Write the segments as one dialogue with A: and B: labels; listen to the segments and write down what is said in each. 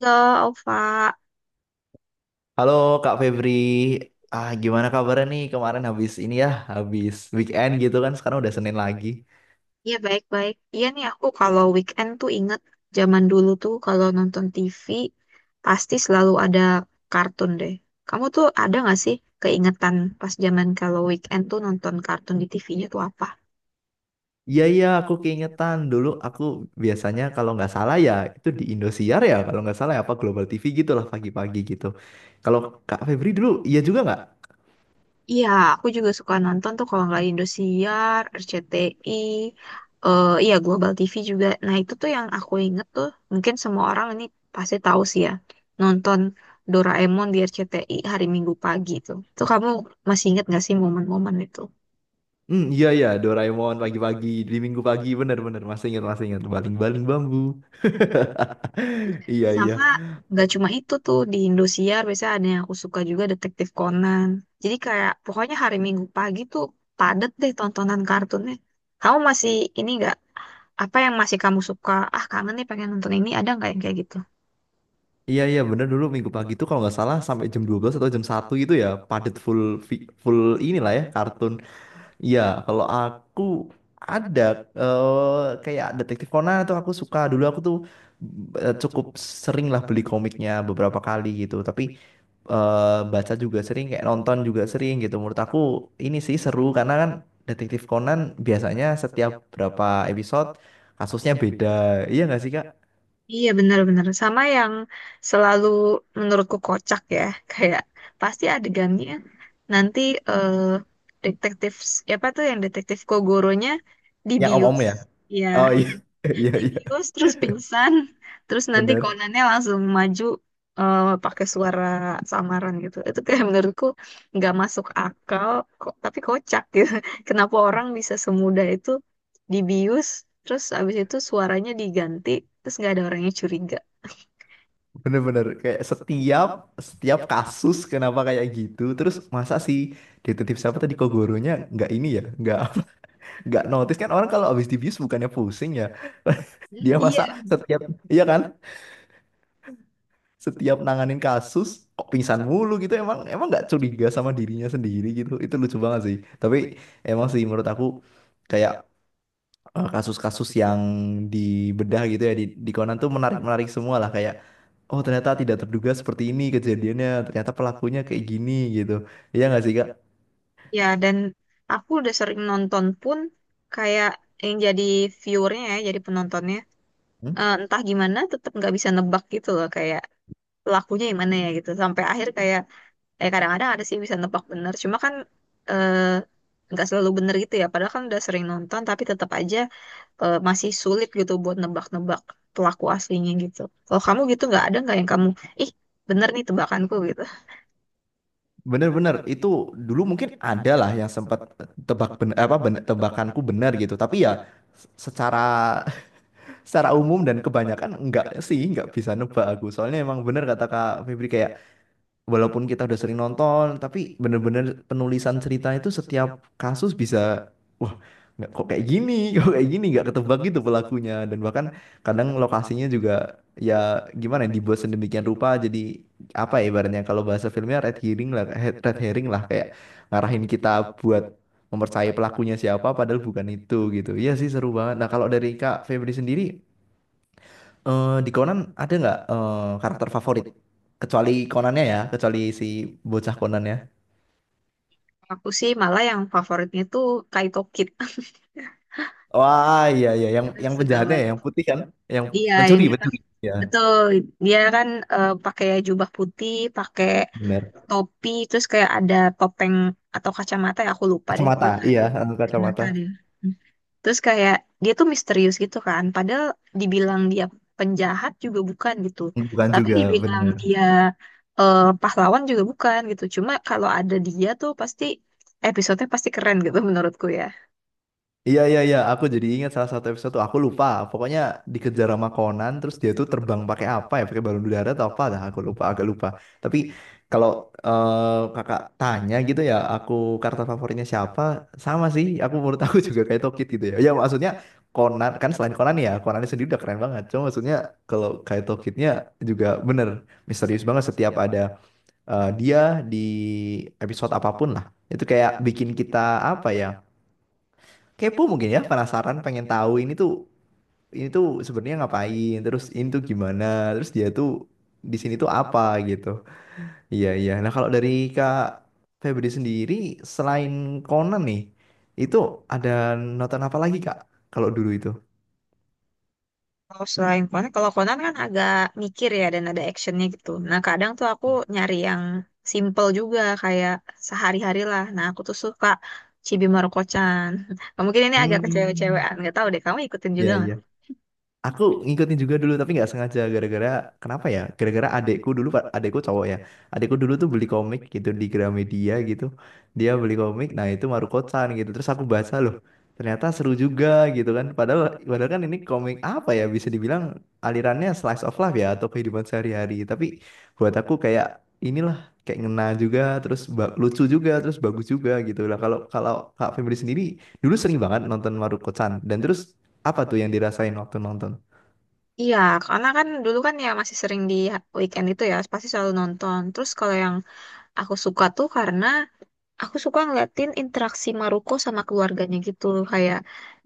A: Halo, Alfa.
B: Halo Kak Febri, gimana kabarnya nih kemarin habis ini ya, habis weekend gitu kan sekarang udah Senin lagi.
A: Ya, baik-baik. Iya nih, aku kalau weekend tuh inget zaman dulu tuh kalau nonton TV pasti selalu ada kartun deh. Kamu tuh ada nggak sih keingetan pas zaman kalau weekend tuh nonton kartun di TV-nya tuh apa?
B: Iya iya, aku keingetan dulu aku biasanya kalau nggak salah ya itu di Indosiar ya kalau nggak salah ya, apa Global TV gitu lah pagi-pagi gitu. Kalau Kak Febri dulu iya juga nggak?
A: Iya, aku juga suka nonton tuh kalau nggak Indosiar, RCTI, iya Global TV juga. Nah itu tuh yang aku inget tuh, mungkin semua orang ini pasti tahu sih ya, nonton Doraemon di RCTI hari Minggu pagi tuh. Tuh kamu masih inget nggak sih momen-momen itu?
B: Hmm, iya iya, Doraemon pagi-pagi di Minggu pagi bener-bener masih ingat baling-baling bambu. Iya iya.
A: Sama nggak cuma itu tuh di Indosiar biasanya ada yang aku suka juga Detektif Conan. Jadi kayak pokoknya hari Minggu pagi tuh padet deh tontonan kartunnya. Kamu masih ini nggak, apa yang masih kamu suka? Ah, kangen nih pengen nonton ini. Ada nggak yang kayak gitu?
B: Iya iya bener, dulu minggu pagi itu kalau nggak salah sampai jam 12 atau jam 1 gitu ya padet full full inilah ya kartun. Iya, kalau aku ada kayak Detektif Conan tuh aku suka, dulu aku tuh cukup sering lah beli komiknya beberapa kali gitu, tapi baca juga sering kayak nonton juga sering gitu. Menurut aku ini sih seru karena kan Detektif Conan biasanya setiap berapa episode kasusnya beda, iya nggak sih Kak?
A: Iya, benar-benar. Sama yang selalu menurutku kocak ya. Kayak pasti adegannya nanti eh detektif, siapa tuh yang detektif Kogoronya
B: Yang om-om
A: dibius.
B: ya?
A: Iya,
B: Oh
A: iya.
B: iya. Iya iya
A: Dibius terus pingsan, terus nanti
B: bener.
A: konannya langsung maju, pakai suara samaran gitu itu kayak menurutku nggak masuk akal kok tapi kocak gitu. Kenapa orang bisa semudah itu dibius terus abis itu suaranya diganti terus nggak ada orangnya curiga.
B: Bener-bener kayak setiap setiap kasus kenapa kayak gitu terus, masa sih detektif siapa tadi, Kogoronya nggak ini ya, nggak notice kan orang kalau habis dibius bukannya pusing ya. Dia
A: Iya,
B: masa setiap, iya kan, setiap nanganin kasus kok pingsan mulu gitu, emang emang nggak curiga sama dirinya sendiri gitu, itu lucu banget sih. Tapi emang sih menurut aku kayak kasus-kasus yang dibedah gitu ya di Conan tuh menarik-menarik semua lah, kayak oh ternyata tidak terduga seperti ini kejadiannya. Ternyata pelakunya kayak gini gitu. Iya nggak sih Kak?
A: ya. Dan aku udah sering nonton pun kayak yang jadi viewernya ya, jadi penontonnya,
B: Hmm?
A: entah gimana tetap nggak bisa nebak gitu loh, kayak pelakunya yang mana ya gitu sampai akhir. Kayak kadang-kadang ada sih bisa nebak bener, cuma kan eh, nggak selalu bener gitu ya, padahal kan udah sering nonton tapi tetap aja masih sulit gitu buat nebak-nebak pelaku aslinya gitu. Kalau kamu gitu nggak, ada nggak yang kamu ih bener nih tebakanku gitu?
B: Bener-bener itu dulu mungkin ada lah yang sempat tebakanku benar gitu. Tapi ya secara, secara umum dan kebanyakan enggak sih, nggak bisa nebak aku. Soalnya emang bener kata Kak Febri, kayak walaupun kita udah sering nonton, tapi bener-bener penulisan cerita itu setiap kasus bisa, wah, nggak, kok kayak gini, kok kayak gini, nggak ketebak gitu pelakunya. Dan bahkan kadang lokasinya juga ya, gimana ya, dibuat sedemikian rupa jadi apa ya, ibaratnya kalau bahasa filmnya red herring lah, red herring lah, kayak ngarahin kita buat mempercayai pelakunya siapa padahal bukan itu gitu. Iya sih, seru banget. Nah kalau dari Kak Febri sendiri, di Conan ada nggak karakter favorit? Kecuali Conannya ya, kecuali si bocah Conannya.
A: Aku sih malah yang favoritnya tuh Kaito Kid.
B: Wah, iya iya, yang
A: Aku suka
B: penjahatnya ya,
A: banget,
B: yang putih kan, yang
A: iya, yang
B: mencuri,
A: dia pas
B: mencuri. Iya,
A: betul dia kan pakai jubah putih, pakai
B: benar.
A: topi, terus kayak ada topeng atau kacamata ya, aku lupa deh,
B: Kacamata,
A: pokoknya ada
B: iya, kacamata.
A: kacamata dia. Terus kayak dia tuh misterius gitu kan. Padahal dibilang dia penjahat juga bukan gitu.
B: Bukan
A: Tapi
B: juga,
A: dibilang
B: benar.
A: dia pahlawan juga bukan gitu. Cuma kalau ada dia tuh pasti episodenya pasti keren gitu. Menurutku ya.
B: Iya iya iya, aku jadi ingat salah satu episode tuh aku lupa. Pokoknya dikejar sama Conan, terus dia tuh terbang pakai apa ya? Pakai balon udara atau apa? Dah aku lupa, agak lupa. Tapi kalau kakak tanya gitu ya, aku karakter favoritnya siapa? Sama sih, aku menurut aku juga kayak Tokid gitu ya. Ya maksudnya Conan kan, selain Conan ya, Conan sendiri udah keren banget. Cuma maksudnya kalau kayak Tokidnya juga bener misterius banget setiap ada dia di episode apapun lah. Itu kayak bikin kita apa ya, kepo mungkin ya, penasaran pengen tahu ini tuh, ini tuh sebenarnya ngapain, terus ini tuh gimana, terus dia tuh di sini tuh apa gitu. Iya iya. Nah kalau dari Kak Febri sendiri selain Conan nih, itu ada nonton apa lagi Kak kalau dulu itu?
A: Kalau selain Conan, kalau Conan kan agak mikir ya dan ada actionnya gitu. Nah kadang tuh aku nyari yang simple juga kayak sehari-hari lah. Nah aku tuh suka Chibi Maruko-chan. Mungkin ini agak
B: Hmm,
A: kecewe-cewean, nggak tahu deh kamu ikutin
B: iya
A: juga.
B: iya. Aku ngikutin juga dulu tapi nggak sengaja, gara-gara kenapa ya? Gara-gara adekku dulu Pak, adekku cowok ya. Adekku dulu tuh beli komik gitu di Gramedia gitu. Dia beli komik, nah itu Maruko-chan gitu. Terus aku baca loh. Ternyata seru juga gitu kan. Padahal padahal kan ini komik apa ya, bisa dibilang alirannya slice of life ya, atau kehidupan sehari-hari. Tapi buat aku kayak inilah, kayak ngena juga terus ba- lucu juga terus bagus juga gitu lah. Kalau kalau Kak Febri sendiri dulu sering banget nonton Maruko-chan, dan terus apa tuh yang dirasain waktu nonton?
A: Iya, karena kan dulu kan ya masih sering di weekend itu ya, pasti selalu nonton. Terus kalau yang aku suka tuh karena aku suka ngeliatin interaksi Maruko sama keluarganya gitu. Kayak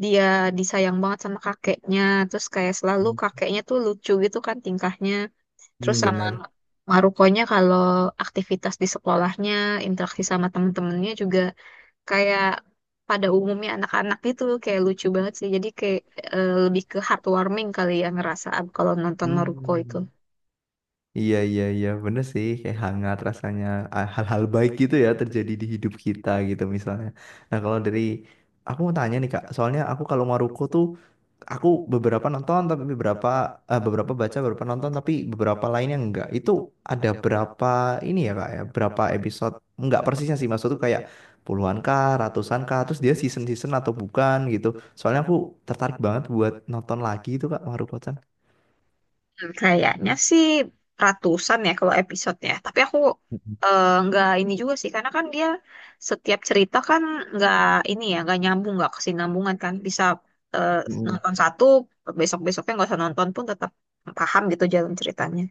A: dia disayang banget sama kakeknya, terus kayak selalu
B: Hmm,
A: kakeknya tuh lucu gitu kan tingkahnya. Terus sama
B: bener.
A: Marukonya kalau aktivitas di sekolahnya, interaksi sama temen-temennya juga kayak pada umumnya anak-anak itu kayak lucu banget sih. Jadi kayak lebih ke heartwarming kali ya ngerasa ab- kalau nonton Naruto itu.
B: Hmm. Iya, iya, iya, bener sih. Kayak hangat rasanya, ah, hal-hal baik gitu ya terjadi di hidup kita gitu misalnya. Nah, kalau dari aku mau tanya nih Kak, soalnya aku kalau Maruko tuh aku beberapa nonton tapi beberapa beberapa baca, beberapa nonton tapi beberapa lainnya enggak. Itu ada berapa ini ya Kak ya? Berapa episode? Enggak persisnya sih, maksud tuh kayak puluhan kah, ratusan kah, terus dia season-season atau bukan gitu. Soalnya aku tertarik banget buat nonton lagi itu Kak, Maruko-chan.
A: Hmm, kayaknya sih ratusan ya kalau episodenya. Tapi aku nggak ini juga sih karena kan dia setiap cerita kan nggak ini ya, nggak nyambung, nggak kesinambungan, kan bisa eh,
B: Mm-mm.
A: nonton satu besok-besoknya nggak usah nonton pun tetap paham gitu jalan ceritanya.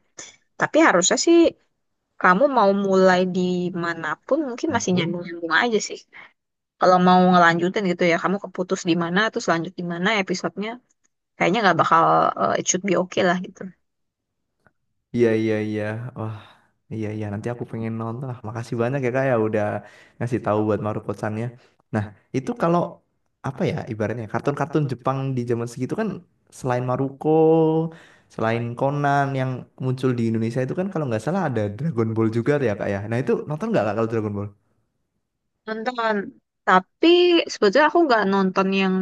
A: Tapi harusnya sih kamu mau mulai di manapun mungkin masih
B: Manapun.
A: nyambung-nyambung aja sih. Kalau mau ngelanjutin gitu ya, kamu keputus di mana terus lanjut di mana episodenya kayaknya nggak bakal it should be okay lah gitu.
B: Iya, iya, iya. Wah, iya, iya. Nanti aku pengen nonton lah. Makasih banyak ya Kak, ya udah ngasih tahu buat Maruko-sannya. Nah, itu kalau apa ya, ibaratnya kartun-kartun Jepang di zaman segitu kan, selain Maruko, selain Conan yang muncul di Indonesia itu kan kalau nggak salah ada Dragon Ball juga ya Kak ya. Nah, itu nonton nggak Kak, kalau Dragon Ball?
A: Nonton, tapi sebetulnya aku nggak nonton yang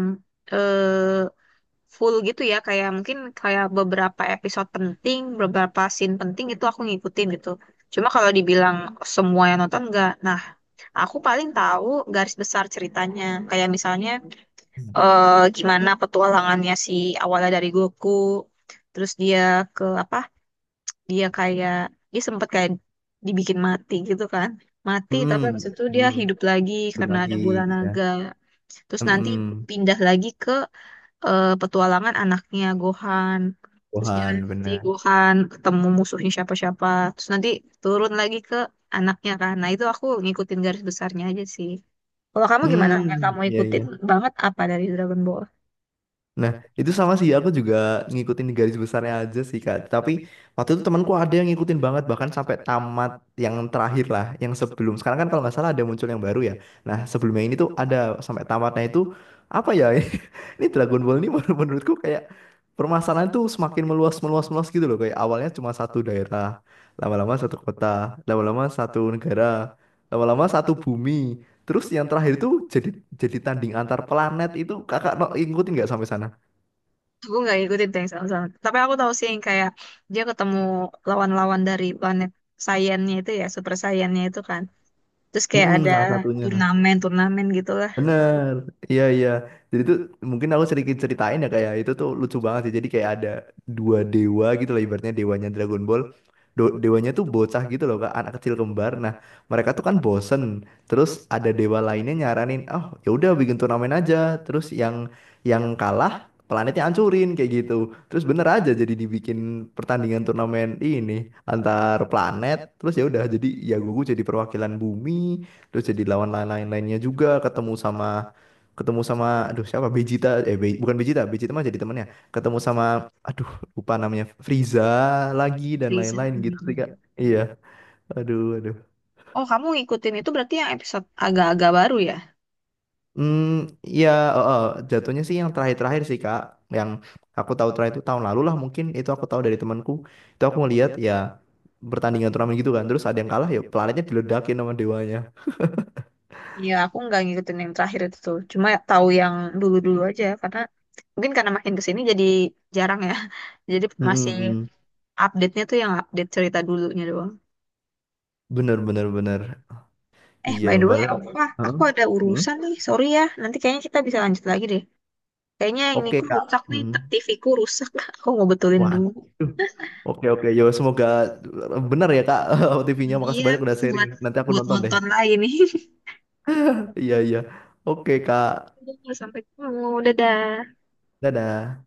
A: eh, full gitu ya, kayak mungkin kayak beberapa episode penting beberapa scene penting itu aku ngikutin gitu. Cuma kalau dibilang semua yang nonton nggak, nah aku paling tahu garis besar ceritanya kayak misalnya gimana petualangannya si awalnya dari Goku terus dia ke apa, dia kayak dia sempat kayak dibikin mati gitu kan, mati tapi
B: Hmm,
A: habis itu dia
B: hmm.
A: hidup lagi
B: Itu
A: karena
B: lagi,
A: ada bola
B: ya.
A: naga. Terus
B: Hmm,
A: nanti
B: hmm.
A: pindah lagi ke petualangan anaknya Gohan, terus dia
B: Gohan,
A: nanti
B: benar.
A: Gohan ketemu musuhnya siapa-siapa, terus nanti turun lagi ke anaknya kan, nah itu aku ngikutin garis besarnya aja sih. Kalau kamu gimana yang
B: Hmm,
A: kamu
B: iya,
A: ikutin
B: iya.
A: banget apa dari Dragon Ball?
B: Nah, itu sama sih, aku juga ngikutin di garis besarnya aja sih Kak. Tapi waktu itu temanku ada yang ngikutin banget, bahkan sampai tamat, yang terakhir lah, yang sebelum. Sekarang kan kalau nggak salah ada muncul yang baru ya. Nah, sebelumnya ini tuh ada sampai tamatnya itu, apa ya, ini Dragon Ball ini menurutku kayak permasalahan tuh semakin meluas, meluas, meluas gitu loh. Kayak awalnya cuma satu daerah, lama-lama satu kota, lama-lama satu negara, lama-lama satu bumi. Terus yang terakhir tuh jadi tanding antar planet itu, kakak no, ngikutin nggak sampai sana?
A: Aku nggak ngikutin tuh yang sama-sama. Tapi aku tahu sih yang kayak dia ketemu lawan-lawan dari planet saiannya itu ya, super saiannya itu kan. Terus kayak
B: Mm-mm,
A: ada
B: salah satunya.
A: turnamen-turnamen gitulah.
B: Bener. Iya, iya. Jadi tuh mungkin aku sedikit ceritain ya, kayak itu tuh lucu banget sih. Jadi kayak ada dua dewa gitu loh, ibaratnya dewanya Dragon Ball. Dewanya tuh bocah gitu loh Kak, anak kecil kembar. Nah, mereka tuh kan bosen. Terus ada dewa lainnya nyaranin, "Oh, ya udah bikin turnamen aja." Terus yang kalah planetnya hancurin kayak gitu. Terus bener aja, jadi dibikin pertandingan turnamen ini antar planet. Terus ya udah, jadi ya Goku jadi perwakilan bumi, terus jadi lawan lain-lainnya, lain juga ketemu sama aduh siapa Vegeta, eh, bukan Vegeta, Vegeta mah jadi temannya, ketemu sama aduh lupa namanya, Frieza lagi dan
A: Freezer.
B: lain-lain gitu sih Kak. Iya, aduh aduh.
A: Oh, kamu ngikutin itu berarti yang episode agak-agak baru ya?
B: Hmm, ya. Oh, oh, jatuhnya sih yang terakhir-terakhir sih Kak, yang aku tahu terakhir itu tahun lalu lah mungkin. Itu aku tahu dari temanku, itu aku ngeliat ya pertandingan turnamen gitu kan, terus ada yang kalah ya planetnya diledakin sama dewanya.
A: Iya, aku nggak ngikutin yang terakhir itu tuh. Cuma tahu yang dulu-dulu aja karena mungkin karena makin kesini jadi jarang ya. Jadi
B: Mm,
A: masih
B: mm, mm.
A: update-nya tuh yang update cerita dulunya doang.
B: Bener bener bener.
A: Eh,
B: Iya
A: by the way,
B: padahal.
A: Opa,
B: Hah?
A: aku ada
B: Mm?
A: urusan nih. Sorry ya, nanti kayaknya kita bisa lanjut lagi deh. Kayaknya ini
B: Oke
A: ku
B: kak.
A: rusak nih,
B: Hmm.
A: TV ku rusak. Aku mau betulin dulu.
B: Waduh. Oke oke yo, semoga benar ya kak, TV-nya.
A: Hmm,
B: Makasih
A: iya,
B: banyak udah sharing.
A: buat
B: Nanti aku
A: buat
B: nonton deh.
A: nonton lagi nih.
B: Iya iya. Oke kak.
A: Udah, sampai ketemu, dadah.
B: Dadah.